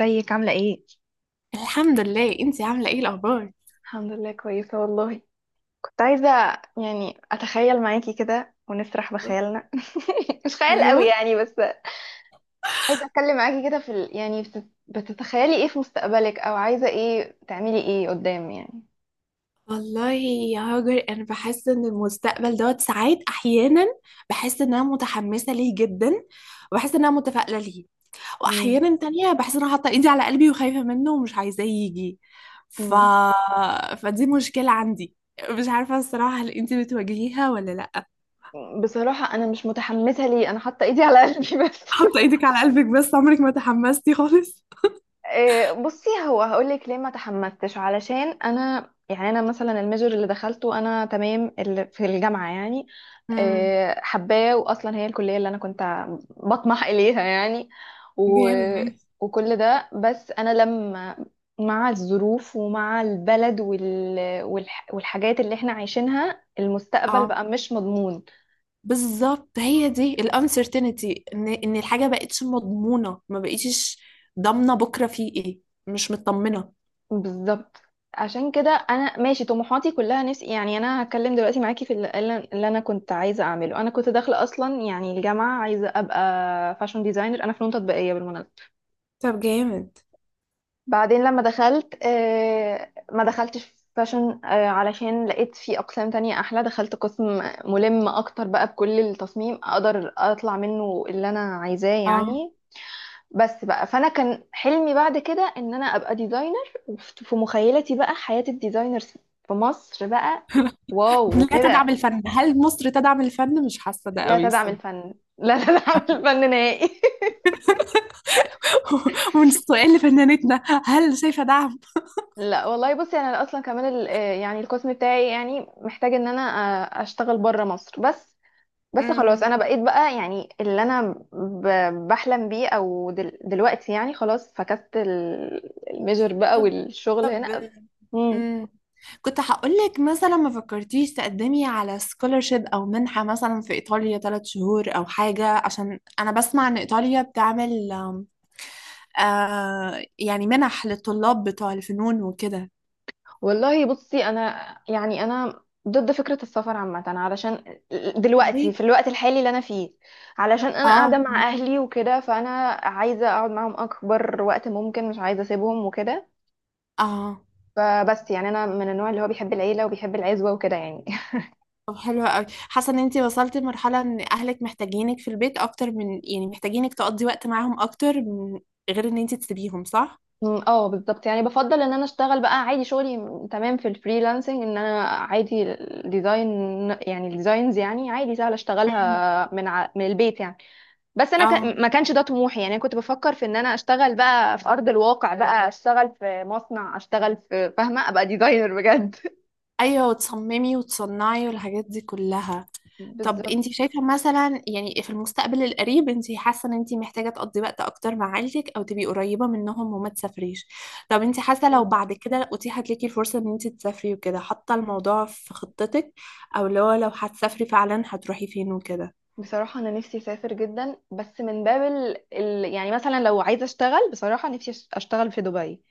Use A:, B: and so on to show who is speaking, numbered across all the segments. A: ازيك عاملة ايه؟
B: الحمد لله، انتي عاملة ايه الأخبار؟
A: الحمد لله كويسة والله. كنت عايزة أتخيل معاكي كده ونسرح بخيالنا. مش خيال
B: ايوه.
A: قوي يعني بس. عايزة أتكلم معاكي كده في بتتخيلي ايه في مستقبلك، أو عايزة ايه تعملي ايه قدام يعني.
B: والله يا هاجر، أنا بحس إن المستقبل دوت ساعات أحيانا. بحس إن أنا متحمسة ليه جدا، وبحس إن أنا متفائلة ليه.
A: مم.
B: وأحيانا تانية بحس إن أنا حاطة إيدي على قلبي وخايفة منه ومش عايزاه يجي. ف...
A: مم.
B: فدي مشكلة عندي. مش عارفة الصراحة، هل انتي بتواجهيها ولا لأ؟
A: بصراحة أنا مش متحمسة ليه، أنا حاطة إيدي على قلبي بس.
B: حاطة إيدك على قلبك، بس عمرك ما تحمستي خالص.
A: إيه، بصي هو هقولك ليه ما تحمستش، علشان أنا أنا مثلا الميجر اللي دخلته أنا تمام، اللي في الجامعة يعني.
B: امم.
A: آه، حباه واصلا هي الكليه اللي انا كنت بطمح اليها يعني و...
B: جامد، ماشي.
A: وكل ده. بس انا لما مع الظروف ومع البلد والحاجات اللي احنا عايشينها، المستقبل
B: اه،
A: بقى مش مضمون.
B: بالظبط. هي دي الانسرتينتي، ان الحاجه بقتش مضمونه، ما بقيتش ضامنه بكره في ايه. مش مطمنه.
A: بالظبط. عشان كده انا ماشي طموحاتي كلها، نفسي يعني. انا هتكلم دلوقتي معاكي في اللي انا كنت عايزه اعمله. انا كنت داخله اصلا يعني الجامعه عايزه ابقى فاشن ديزاينر. انا فنون تطبيقيه بالمناسبه.
B: طب جامد.
A: بعدين لما دخلت، ما دخلتش فاشن، علشان لقيت في اقسام تانية احلى، دخلت قسم ملم اكتر بقى بكل التصميم، اقدر اطلع منه اللي انا عايزاه
B: اه،
A: يعني. بس بقى فانا كان حلمي بعد كده ان انا ابقى ديزاينر، وفي مخيلتي بقى حياة الديزاينرز في مصر بقى. واو
B: لا تدعم
A: وكده.
B: الفن. هل مصر تدعم الفن؟ مش حاسه ده
A: لا
B: قوي
A: تدعم
B: الصراحه.
A: الفن، لا تدعم الفن نهائي
B: ومن السؤال لفنانتنا، هل شايفه دعم؟
A: لا والله بصي، انا اصلا كمان يعني القسم بتاعي يعني محتاج ان انا اشتغل بره مصر بس. بس خلاص
B: امم.
A: انا بقيت بقى يعني اللي انا بحلم بيه، او دلوقتي يعني خلاص فكست الميجر بقى
B: طب،
A: والشغل
B: طب.
A: هنا. امم
B: امم. كنت هقول لك مثلا، ما فكرتيش تقدمي على سكولرشيب او منحه مثلا في ايطاليا 3 شهور او حاجه؟ عشان انا بسمع ان ايطاليا بتعمل يعني منح للطلاب بتوع الفنون وكده.
A: والله بصي انا، يعني انا ضد فكرة السفر عامة، علشان دلوقتي
B: ليه؟
A: في الوقت الحالي اللي انا فيه، علشان انا
B: اه،
A: قاعدة مع اهلي وكده، فانا عايزة اقعد معاهم اكبر وقت ممكن، مش عايزة اسيبهم وكده.
B: اه.
A: فبس يعني انا من النوع اللي هو بيحب العيلة وبيحب العزوة وكده يعني.
B: طب حلوة قوي. حاسة ان انتي وصلتي لمرحلة ان اهلك محتاجينك في البيت اكتر، من يعني محتاجينك تقضي وقت معاهم اكتر من غير ان انتي تسيبيهم، صح؟
A: مم، اه بالظبط. يعني بفضل ان انا اشتغل بقى عادي، شغلي تمام في الفريلانسنج، ان انا عادي الديزاين يعني الديزاينز يعني عادي، سهل
B: مم.
A: اشتغلها من البيت يعني. بس انا
B: اه.
A: ما كانش ده طموحي. يعني انا كنت بفكر في ان انا اشتغل بقى في ارض الواقع، بقى اشتغل في مصنع، اشتغل في، فاهمه، ابقى ديزاينر بجد
B: ايوه، وتصممي وتصنعي والحاجات دي كلها. طب انت
A: بالظبط.
B: شايفة مثلا يعني في المستقبل القريب، انت حاسة ان انت محتاجة تقضي وقت اكتر مع عيلتك او تبقي قريبة منهم وما تسافريش؟ طب انت حاسة لو
A: مم.
B: بعد كده اتيحت ليكي الفرصة ان انت تسافري وكده، حاطة الموضوع في خطتك؟ او اللي هو، لو هتسافري فعلا هتروحي فين وكده؟
A: بصراحة أنا نفسي أسافر جدا، بس من باب يعني مثلا لو عايزة أشتغل، بصراحة نفسي أشتغل في دبي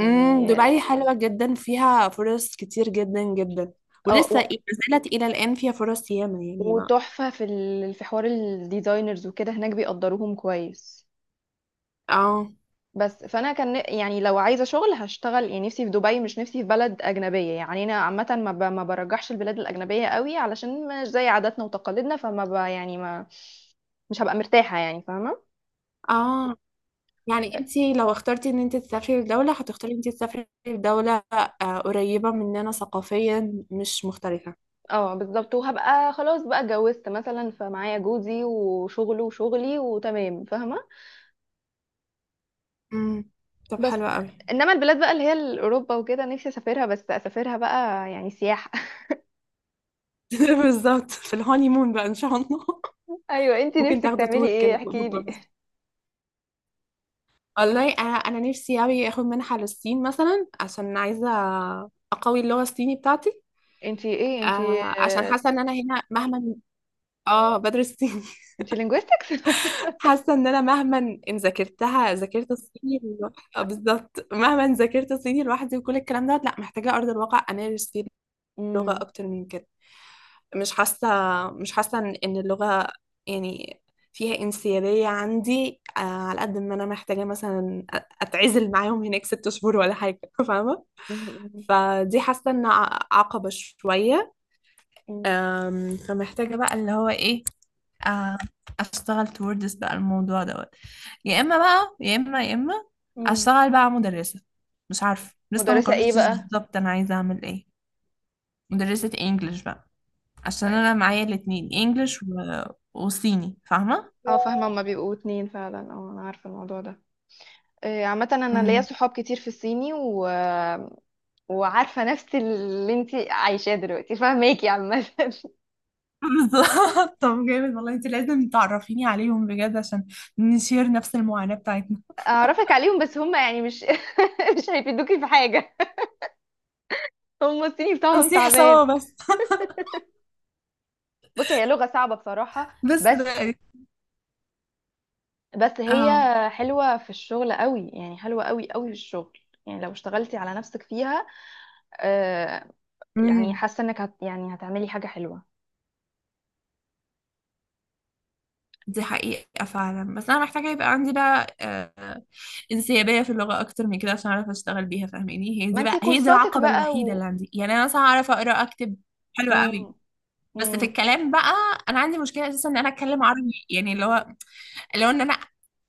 B: دبي حلوة جدا، فيها فرص كتير جدا جدا. ولسه ما
A: اه
B: زالت الى الان فيها فرص ياما يعني ما.
A: وتحفة في في حوار الديزاينرز وكده، هناك بيقدروهم كويس.
B: اه،
A: بس فانا كان يعني لو عايزه شغل هشتغل، يعني نفسي في دبي، مش نفسي في بلد اجنبيه يعني. انا عامه ما برجحش البلاد الاجنبيه قوي، علشان مش زي عاداتنا وتقاليدنا، فما ب... يعني ما مش هبقى مرتاحه يعني، فاهمه.
B: اه. يعني انت لو اخترتي ان انت تسافري لدولة، هتختاري ان انت تسافري لدولة قريبة مننا ثقافيا، مش مختلفة.
A: اه بالظبط، وهبقى خلاص بقى اتجوزت مثلا، فمعايا جوزي وشغله وشغلي وتمام، فاهمه.
B: امم. طب
A: بس.
B: حلوة قوي.
A: انما البلاد بقى اللي هي اوروبا وكده، نفسي اسافرها، بس اسافرها بقى يعني سياحه.
B: بالظبط، في الهانيمون بقى ان شاء الله.
A: ايوه، انتي
B: ممكن
A: نفسك
B: تاخدوا
A: تعملي
B: تور
A: ايه؟
B: كده في
A: احكي
B: اوروبا
A: لي.
B: بس. والله، انا نفسي قوي اخد منحة للصين مثلا، عشان عايزة اقوي اللغة الصيني بتاعتي.
A: انتي ايه؟ انتي
B: آه، عشان
A: آه،
B: حاسة ان انا هنا مهما. اه، بدرس.
A: انتي linguistics
B: حاسه ان انا مهما ان ذاكرت الصيني آه، بالظبط. مهما ان ذاكرت صيني لوحدي وكل الكلام ده، لا محتاجه ارض الواقع امارس فيه اللغه
A: امم
B: اكتر من كده. مش حاسه مش حاسه ان اللغه يعني فيها انسيابيه عندي. على قد ما انا محتاجه مثلا اتعزل معاهم هناك 6 شهور ولا حاجه، فاهمه؟
A: امم
B: فدي حاسه ان عقبه شويه.
A: امم
B: فمحتاجه بقى اللي هو ايه، آه، اشتغل توردس بقى الموضوع دوت. يا اما بقى، يا اما، يا اما
A: امم
B: اشتغل بقى مدرسة. مش عارفة، لسه ما
A: مدرسة ايه
B: قررتش
A: بقى؟
B: بالظبط انا عايزة اعمل ايه. مدرسة انجلش بقى، عشان انا معايا الاتنين انجلش وصيني، فاهمة؟
A: اه فاهمة، هما بيبقوا اتنين فعلا، اه انا عارفة الموضوع ده. آه، عامة انا ليا
B: مم.
A: صحاب كتير في الصيني وعارفة نفس اللي انتي عايشاه دلوقتي، فاهماكي عامة.
B: بالظبط. طب جامد، والله انت لازم تعرفيني عليهم بجد، عشان نشير نفس المعاناة بتاعتنا.
A: اعرفك عليهم، بس هما يعني مش مش هيفيدوكي في حاجة. هما الصيني بتاعهم
B: هنصيح
A: تعبان.
B: سوا بس.
A: بصي هي لغة صعبة بصراحة.
B: بس
A: بس.
B: بقى.
A: بس هي
B: اه.
A: حلوة في الشغل قوي، يعني حلوة قوي قوي في الشغل. يعني لو اشتغلتي على نفسك فيها، آه، يعني
B: مم.
A: حاسة انك يعني هتعملي حاجة حلوة.
B: دي حقيقة فعلا، بس أنا محتاجة يبقى عندي بقى انسيابية في اللغة أكتر من كده، عشان أعرف أشتغل بيها، فاهماني؟ هي
A: ما
B: دي بقى
A: انتي
B: هي دي
A: كورساتك
B: العقبة
A: بقى
B: الوحيدة اللي
A: و.
B: عندي. يعني أنا مثلا أعرف أقرأ أكتب حلو قوي،
A: مم.
B: بس في
A: مم.
B: الكلام بقى، أنا عندي مشكلة أساسا إن أنا أتكلم عربي، يعني اللي هو لو ان انا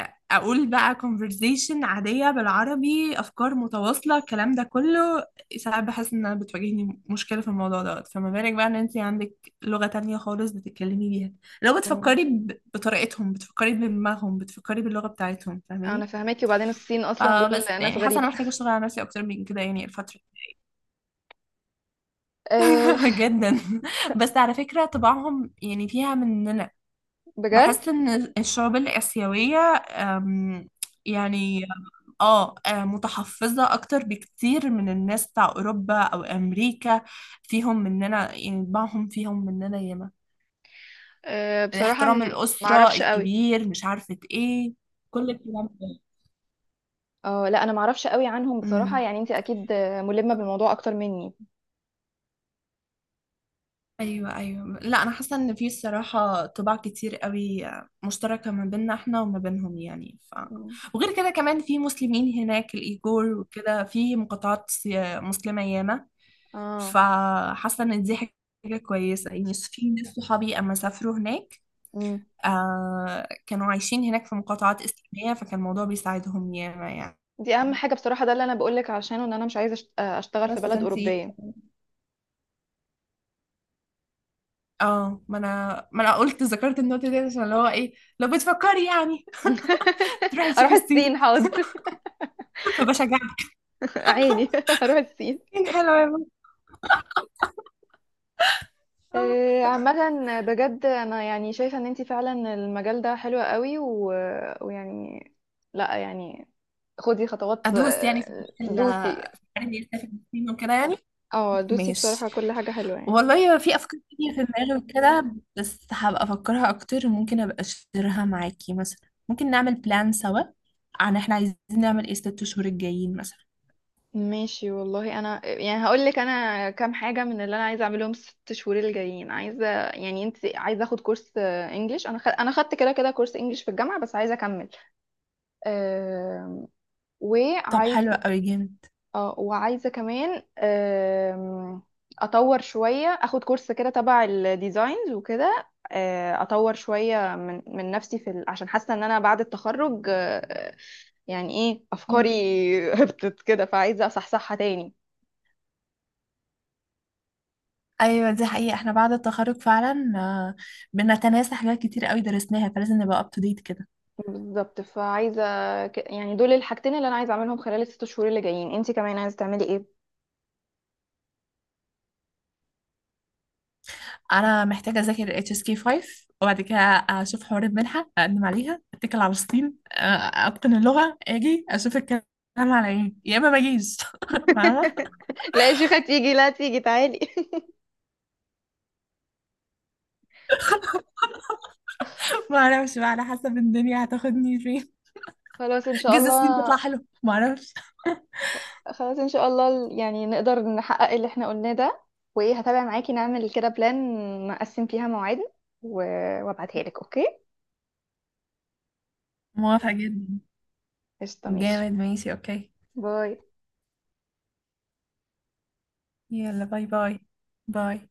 B: أ- اقول بقى conversation عادية بالعربي، افكار متواصلة الكلام ده كله. ساعات بحس ان انا بتواجهني مشكلة في الموضوع دوت، فما بالك بقى ان انت عندك لغة تانية خالص بتتكلمي بيها، لو
A: مم.
B: بتفكري بطريقتهم، بتفكري بدماغهم، بتفكري باللغة بتاعتهم،
A: انا
B: فاهماني؟
A: فاهماكي. وبعدين الصين اصلا دول
B: فبس
A: ناس
B: يعني حاسة
A: غريبة.
B: انا محتاجة اشتغل على نفسي اكتر من كده يعني الفترة.
A: آه
B: جدا. بس على فكرة طباعهم يعني فيها مننا.
A: بجد.
B: بحس ان الشعوب الآسيوية، أم، يعني متحفظة اكتر بكتير من الناس بتاع اوروبا او امريكا. فيهم مننا، يعني طباعهم فيهم مننا ياما.
A: آه بصراحة
B: احترام الأسرة
A: معرفش قوي.
B: الكبير، مش عارفة ايه، كل الكلام
A: اه لا انا معرفش قوي عنهم
B: ده.
A: بصراحة، يعني انتي اكيد ملمة بالموضوع اكتر مني.
B: ايوه، ايوه. لا، انا حاسه ان في الصراحه طباع كتير قوي مشتركه ما بيننا احنا وما بينهم يعني
A: مم.
B: وغير كده كمان في مسلمين هناك الايجور وكده، في مقاطعات مسلمه ياما.
A: اه.
B: فحاسه ان دي حاجه كويسه، يعني في ناس صحابي اما سافروا هناك،
A: مم.
B: كانوا عايشين هناك في مقاطعات اسلاميه، فكان الموضوع بيساعدهم ياما يعني.
A: دي اهم حاجه بصراحه، ده اللي انا بقولك عشانه، ان انا مش عايزه اشتغل في
B: بس
A: بلد
B: فانتي.
A: اوروبيه.
B: اه، ما انا ذكرت النقطه دي عشان اللي هو ايه، لو بتفكري يعني تروحي
A: اروح
B: تشوفي
A: الصين،
B: الصين،
A: حاضر.
B: فبشجعها.
A: عيني اروح الصين.
B: حلوة يا بنت. آه.
A: آه، عامه بجد انا يعني شايفه ان انتي فعلا المجال ده حلو قوي ويعني، لا يعني خدي خطوات،
B: ادوس، يعني في موضوع
A: دوسي.
B: الحوار اني اسافر الصين وكده يعني.
A: اه دوسي
B: ماشي.
A: بصراحه، كل حاجه حلوه يعني.
B: والله، في افكار كتير في دماغي وكده، بس هبقى افكرها اكتر، وممكن ابقى اشتريها معاكي مثلا، ممكن نعمل بلان سوا عن احنا عايزين نعمل ايه الست شهور الجايين مثلا.
A: ماشي والله، انا يعني هقول لك انا كام حاجه من اللي انا عايزه اعملهم الست شهور الجايين. عايزه يعني، انت عايزه اخد كورس، آه، انجليش. انا انا خدت كده كده كورس انجليش في الجامعه، بس عايزه اكمل. آم،
B: طب
A: وعايز.
B: حلو قوي، جامد.
A: اه وعايزه كمان اطور شويه، اخد كورس كده تبع الديزاينز وكده، آه، اطور شويه من نفسي في عشان حاسه ان انا بعد التخرج، يعني ايه افكاري هبطت كده، فعايزه اصحصحها تاني.
B: ايوه، دي حقيقة. احنا بعد التخرج فعلا بنتناسى حاجات كتير قوي درسناها، فلازم نبقى up to date كده.
A: بالظبط فعايزه، يعني دول الحاجتين اللي انا عايزه اعملهم خلال الست شهور اللي جايين. انتي كمان عايزه تعملي ايه؟
B: انا محتاجه اذاكر HSK 5، وبعد كده اشوف حوار المنحه، اقدم عليها، اتكل على الصين، اتقن اللغه، اجي اشوف الكلام على ايه، يا اما ما اجيش. فاهمه.
A: لا يا شيخه تيجي، لا تيجي تعالي
B: ما اعرفش بقى، على حسب الدنيا هتاخدني فين.
A: خلاص ان شاء
B: جزء الصين تطلع
A: الله.
B: حلو ما اعرفش.
A: خلاص ان شاء الله، يعني نقدر نحقق اللي احنا قلناه ده. وايه، هتابع معاكي نعمل كده بلان، نقسم فيها مواعيدنا و... وابعتها لك، اوكي؟
B: موافقه جدا.
A: قشطه ماشي.
B: جامد، ماشي، اوكي.
A: باي.
B: يلا، باي، باي. باي.